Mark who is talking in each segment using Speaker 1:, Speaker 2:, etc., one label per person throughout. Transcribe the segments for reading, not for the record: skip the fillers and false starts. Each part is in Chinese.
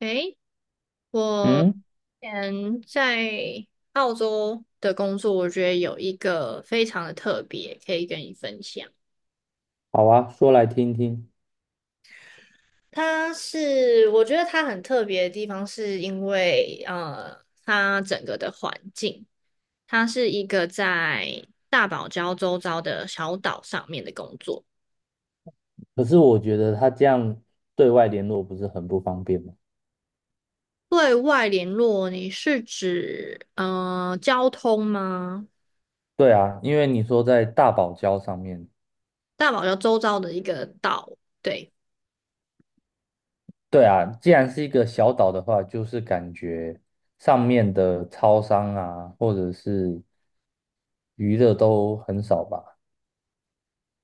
Speaker 1: 诶，我
Speaker 2: 嗯，
Speaker 1: 之前在澳洲的工作，我觉得有一个非常的特别，可以跟你分享。
Speaker 2: 好啊，说来听听。
Speaker 1: 它是，我觉得它很特别的地方，是因为它整个的环境，它是一个在大堡礁周遭的小岛上面的工作。
Speaker 2: 可是我觉得他这样对外联络不是很不方便吗？
Speaker 1: 对外联络，你是指交通吗？
Speaker 2: 对啊，因为你说在大堡礁上面，
Speaker 1: 大堡礁周遭的一个岛。对，
Speaker 2: 对啊，既然是一个小岛的话，就是感觉上面的超商啊，或者是娱乐都很少吧。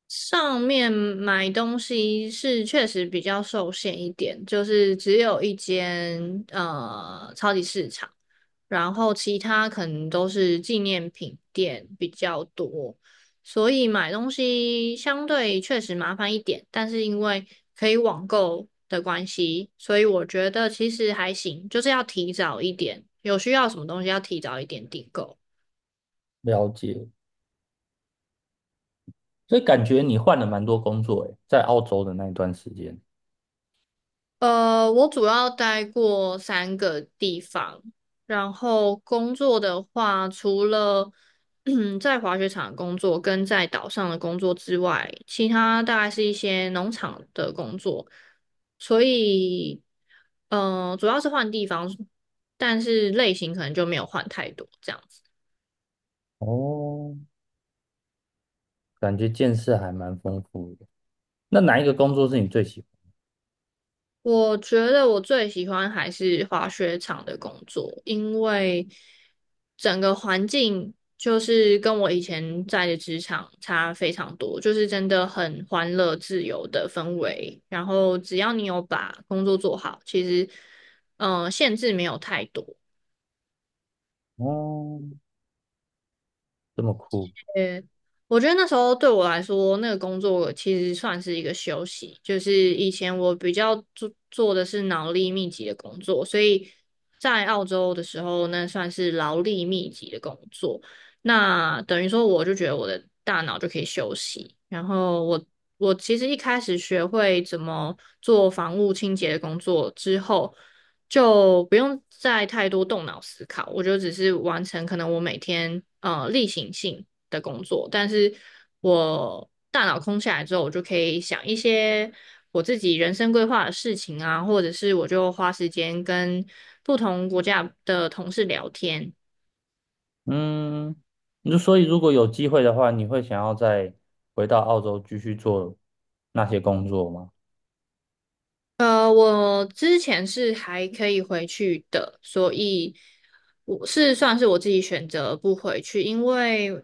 Speaker 1: 上面买东西是确实比较受限一点，就是只有一间超级市场，然后其他可能都是纪念品店比较多，所以买东西相对确实麻烦一点，但是因为可以网购的关系，所以我觉得其实还行，就是要提早一点，有需要什么东西要提早一点订购。
Speaker 2: 了解，所以感觉你换了蛮多工作诶，在澳洲的那一段时间。
Speaker 1: 我主要待过三个地方，然后工作的话，除了嗯 在滑雪场工作跟在岛上的工作之外，其他大概是一些农场的工作，所以，主要是换地方，但是类型可能就没有换太多这样子。
Speaker 2: 哦，感觉见识还蛮丰富的。那哪一个工作是你最喜
Speaker 1: 我觉得我最喜欢还是滑雪场的工作，因为整个环境就是跟我以前在的职场差非常多，就是真的很欢乐、自由的氛围。然后只要你有把工作做好，其实限制没有太多。
Speaker 2: 欢？哦，这么酷。
Speaker 1: 呃，我觉得那时候对我来说，那个工作其实算是一个休息。就是以前我比较做的是脑力密集的工作，所以在澳洲的时候，那算是劳力密集的工作。那等于说，我就觉得我的大脑就可以休息。然后我其实一开始学会怎么做房屋清洁的工作之后，就不用再太多动脑思考，我就只是完成可能我每天例行性的工作，但是我大脑空下来之后，我就可以想一些我自己人生规划的事情啊，或者是我就花时间跟不同国家的同事聊天。
Speaker 2: 嗯，你就所以如果有机会的话，你会想要再回到澳洲继续做那些工作吗？
Speaker 1: 我之前是还可以回去的，所以我是算是我自己选择不回去，因为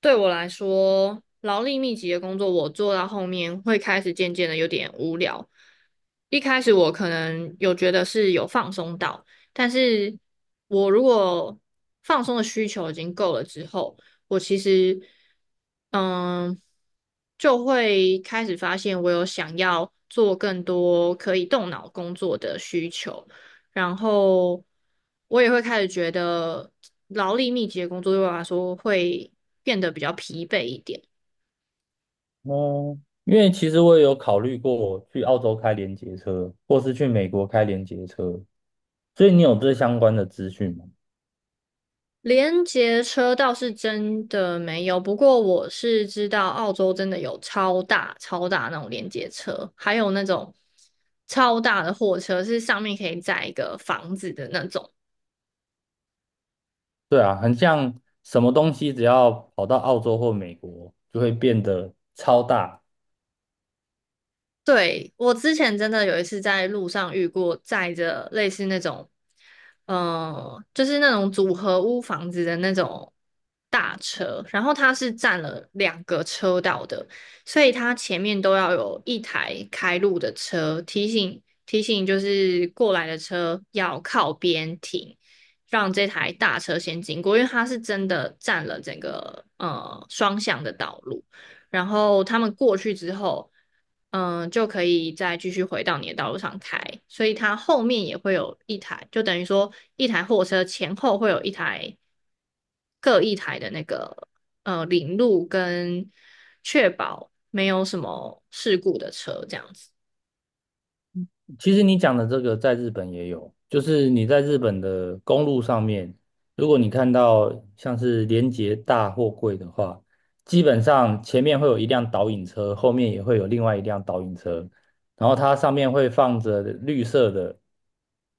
Speaker 1: 对我来说，劳力密集的工作我做到后面会开始渐渐的有点无聊。一开始我可能有觉得是有放松到，但是我如果放松的需求已经够了之后，我其实嗯就会开始发现我有想要做更多可以动脑工作的需求，然后我也会开始觉得劳力密集的工作对我来说会变得比较疲惫一点。
Speaker 2: 哦，因为其实我也有考虑过去澳洲开联结车，或是去美国开联结车，所以你有这相关的资讯吗？
Speaker 1: 连接车倒是真的没有，不过我是知道澳洲真的有超大超大那种连接车，还有那种超大的货车，是上面可以载一个房子的那种。
Speaker 2: 对啊，很像什么东西只要跑到澳洲或美国，就会变得超大，
Speaker 1: 对，我之前真的有一次在路上遇过载着类似那种，就是那种组合屋房子的那种大车，然后它是占了两个车道的，所以它前面都要有一台开路的车提醒提醒，就是过来的车要靠边停，让这台大车先经过，因为它是真的占了整个双向的道路。然后他们过去之后，嗯，就可以再继续回到你的道路上开，所以它后面也会有一台，就等于说一台货车前后会有一台各一台的那个领路跟确保没有什么事故的车这样子。
Speaker 2: 其实你讲的这个在日本也有，就是你在日本的公路上面，如果你看到像是连接大货柜的话，基本上前面会有一辆导引车，后面也会有另外一辆导引车，然后它上面会放着绿色的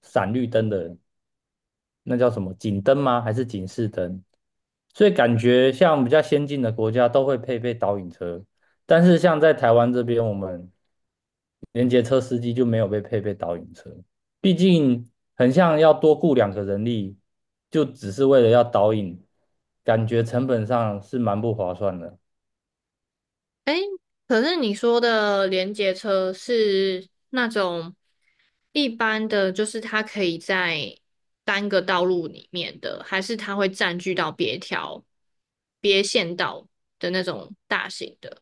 Speaker 2: 闪绿灯的，那叫什么警灯吗？还是警示灯？所以感觉像比较先进的国家都会配备导引车，但是像在台湾这边，我们连接车司机就没有被配备导引车，毕竟很像要多雇两个人力，就只是为了要导引，感觉成本上是蛮不划算的。
Speaker 1: 哎，可是你说的联结车是那种一般的，就是它可以在单个道路里面的，还是它会占据到别条、别线道的那种大型的？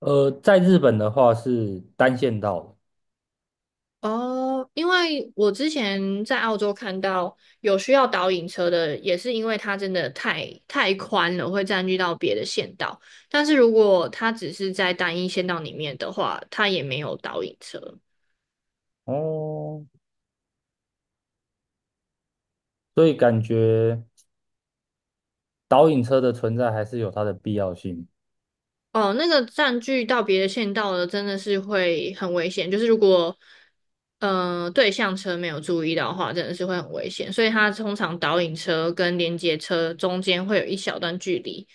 Speaker 2: 在日本的话是单线道的
Speaker 1: 哦，因为我之前在澳洲看到有需要导引车的，也是因为它真的太宽了，会占据到别的线道。但是如果它只是在单一线道里面的话，它也没有导引车。
Speaker 2: 哦，所以感觉导引车的存在还是有它的必要性。
Speaker 1: 哦，那个占据到别的线道的真的是会很危险，就是如果对向车没有注意到的话，真的是会很危险。所以它通常导引车跟连接车中间会有一小段距离，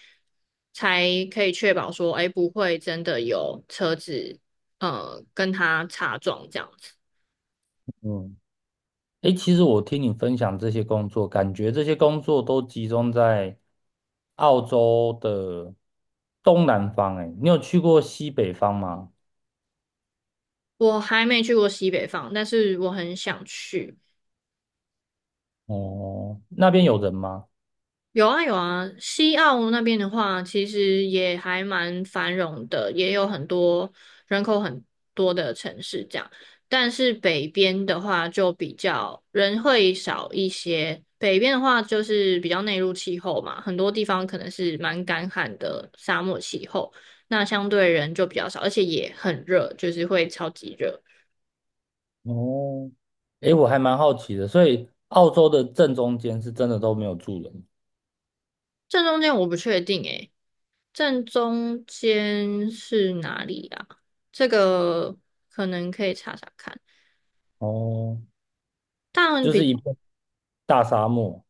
Speaker 1: 才可以确保说，哎，不会真的有车子跟它擦撞这样子。
Speaker 2: 嗯，诶，其实我听你分享这些工作，感觉这些工作都集中在澳洲的东南方。诶，你有去过西北方吗？
Speaker 1: 我还没去过西北方，但是我很想去。
Speaker 2: 哦，那边有人吗？
Speaker 1: 有啊有啊，西澳那边的话，其实也还蛮繁荣的，也有很多人口很多的城市这样。但是北边的话就比较人会少一些，北边的话就是比较内陆气候嘛，很多地方可能是蛮干旱的沙漠气候，那相对人就比较少，而且也很热，就是会超级热。
Speaker 2: 哦，诶，我还蛮好奇的，所以澳洲的正中间是真的都没有住人，
Speaker 1: 正中间我不确定诶。正中间是哪里啊？这个可能可以查查看。
Speaker 2: 哦，
Speaker 1: 但
Speaker 2: 就是
Speaker 1: 比
Speaker 2: 一片大沙漠。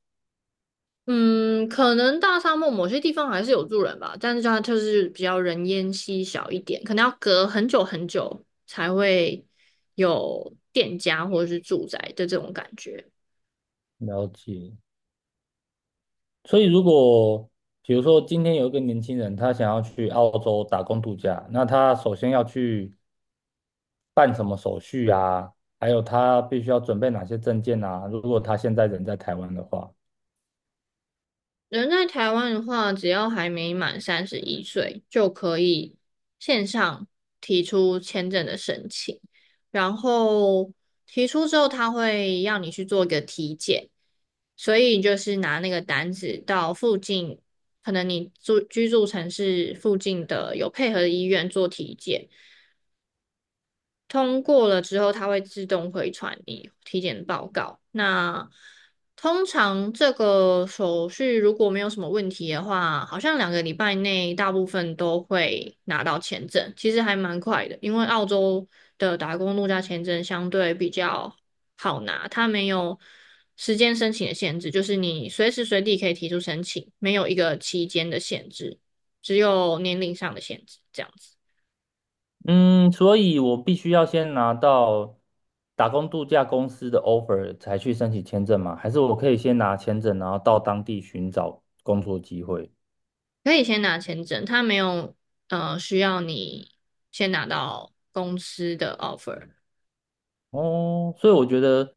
Speaker 1: 嗯，可能大沙漠某些地方还是有住人吧，但是它就是比较人烟稀少一点，可能要隔很久很久才会有店家或者是住宅的这种感觉。
Speaker 2: 了解。所以如果比如说今天有一个年轻人，他想要去澳洲打工度假，那他首先要去办什么手续啊？还有他必须要准备哪些证件啊？如果他现在人在台湾的话。
Speaker 1: 人在台湾的话，只要还没满三十一岁，就可以线上提出签证的申请。然后提出之后，他会要你去做一个体检，所以就是拿那个单子到附近，可能你住居住城市附近的有配合的医院做体检。通过了之后，它会自动回传你体检报告。那通常这个手续如果没有什么问题的话，好像两个礼拜内大部分都会拿到签证，其实还蛮快的。因为澳洲的打工度假签证相对比较好拿，它没有时间申请的限制，就是你随时随地可以提出申请，没有一个期间的限制，只有年龄上的限制，这样子。
Speaker 2: 嗯，所以我必须要先拿到打工度假公司的 offer 才去申请签证吗？还是我可以先拿签证，然后到当地寻找工作机会？
Speaker 1: 可以先拿签证，他没有需要你先拿到公司的 offer。
Speaker 2: 哦，所以我觉得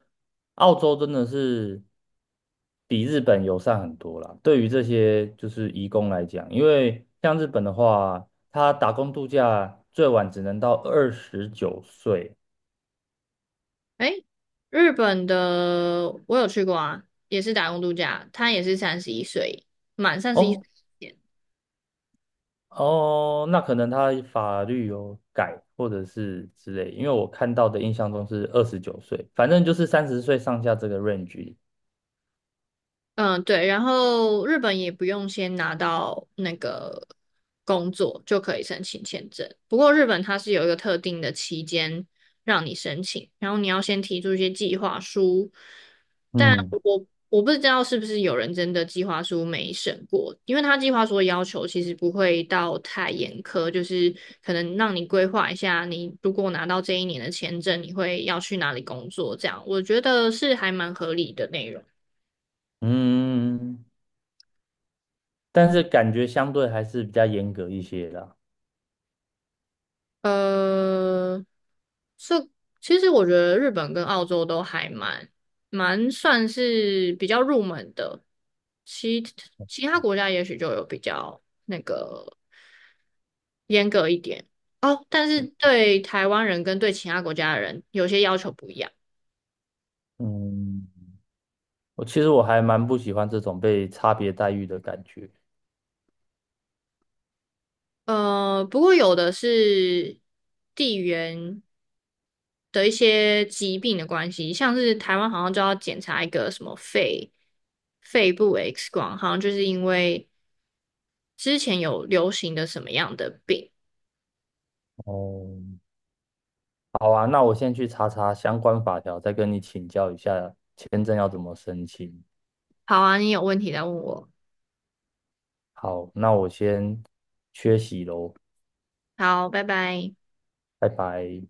Speaker 2: 澳洲真的是比日本友善很多啦。对于这些就是移工来讲，因为像日本的话，他打工度假最晚只能到二十九岁。
Speaker 1: 诶，日本的我有去过啊，也是打工度假，他也是三十一岁，满三十一岁。
Speaker 2: 哦，哦，那可能他法律有改，或者是之类，因为我看到的印象中是二十九岁，反正就是30岁上下这个 range
Speaker 1: 嗯，对，然后日本也不用先拿到那个工作就可以申请签证。不过日本它是有一个特定的期间让你申请，然后你要先提出一些计划书。但
Speaker 2: 嗯
Speaker 1: 我不知道是不是有人真的计划书没审过，因为他计划书的要求其实不会到太严苛，就是可能让你规划一下，你如果拿到这一年的签证，你会要去哪里工作，这样我觉得是还蛮合理的内容。
Speaker 2: 嗯，但是感觉相对还是比较严格一些啦。
Speaker 1: 呃，这其实我觉得日本跟澳洲都还蛮算是比较入门的，其其他国家也许就有比较那个严格一点哦，但是对台湾人跟对其他国家的人有些要求不一样。
Speaker 2: 嗯，我其实我还蛮不喜欢这种被差别待遇的感觉。
Speaker 1: 不过有的是地缘的一些疾病的关系，像是台湾好像就要检查一个什么肺部 X 光，好像就是因为之前有流行的什么样的病。
Speaker 2: 哦，好啊，那我先去查查相关法条，再跟你请教一下签证要怎么申请。
Speaker 1: 好啊，你有问题来问我。
Speaker 2: 好，那我先缺席喽，
Speaker 1: 好，拜拜。
Speaker 2: 拜拜。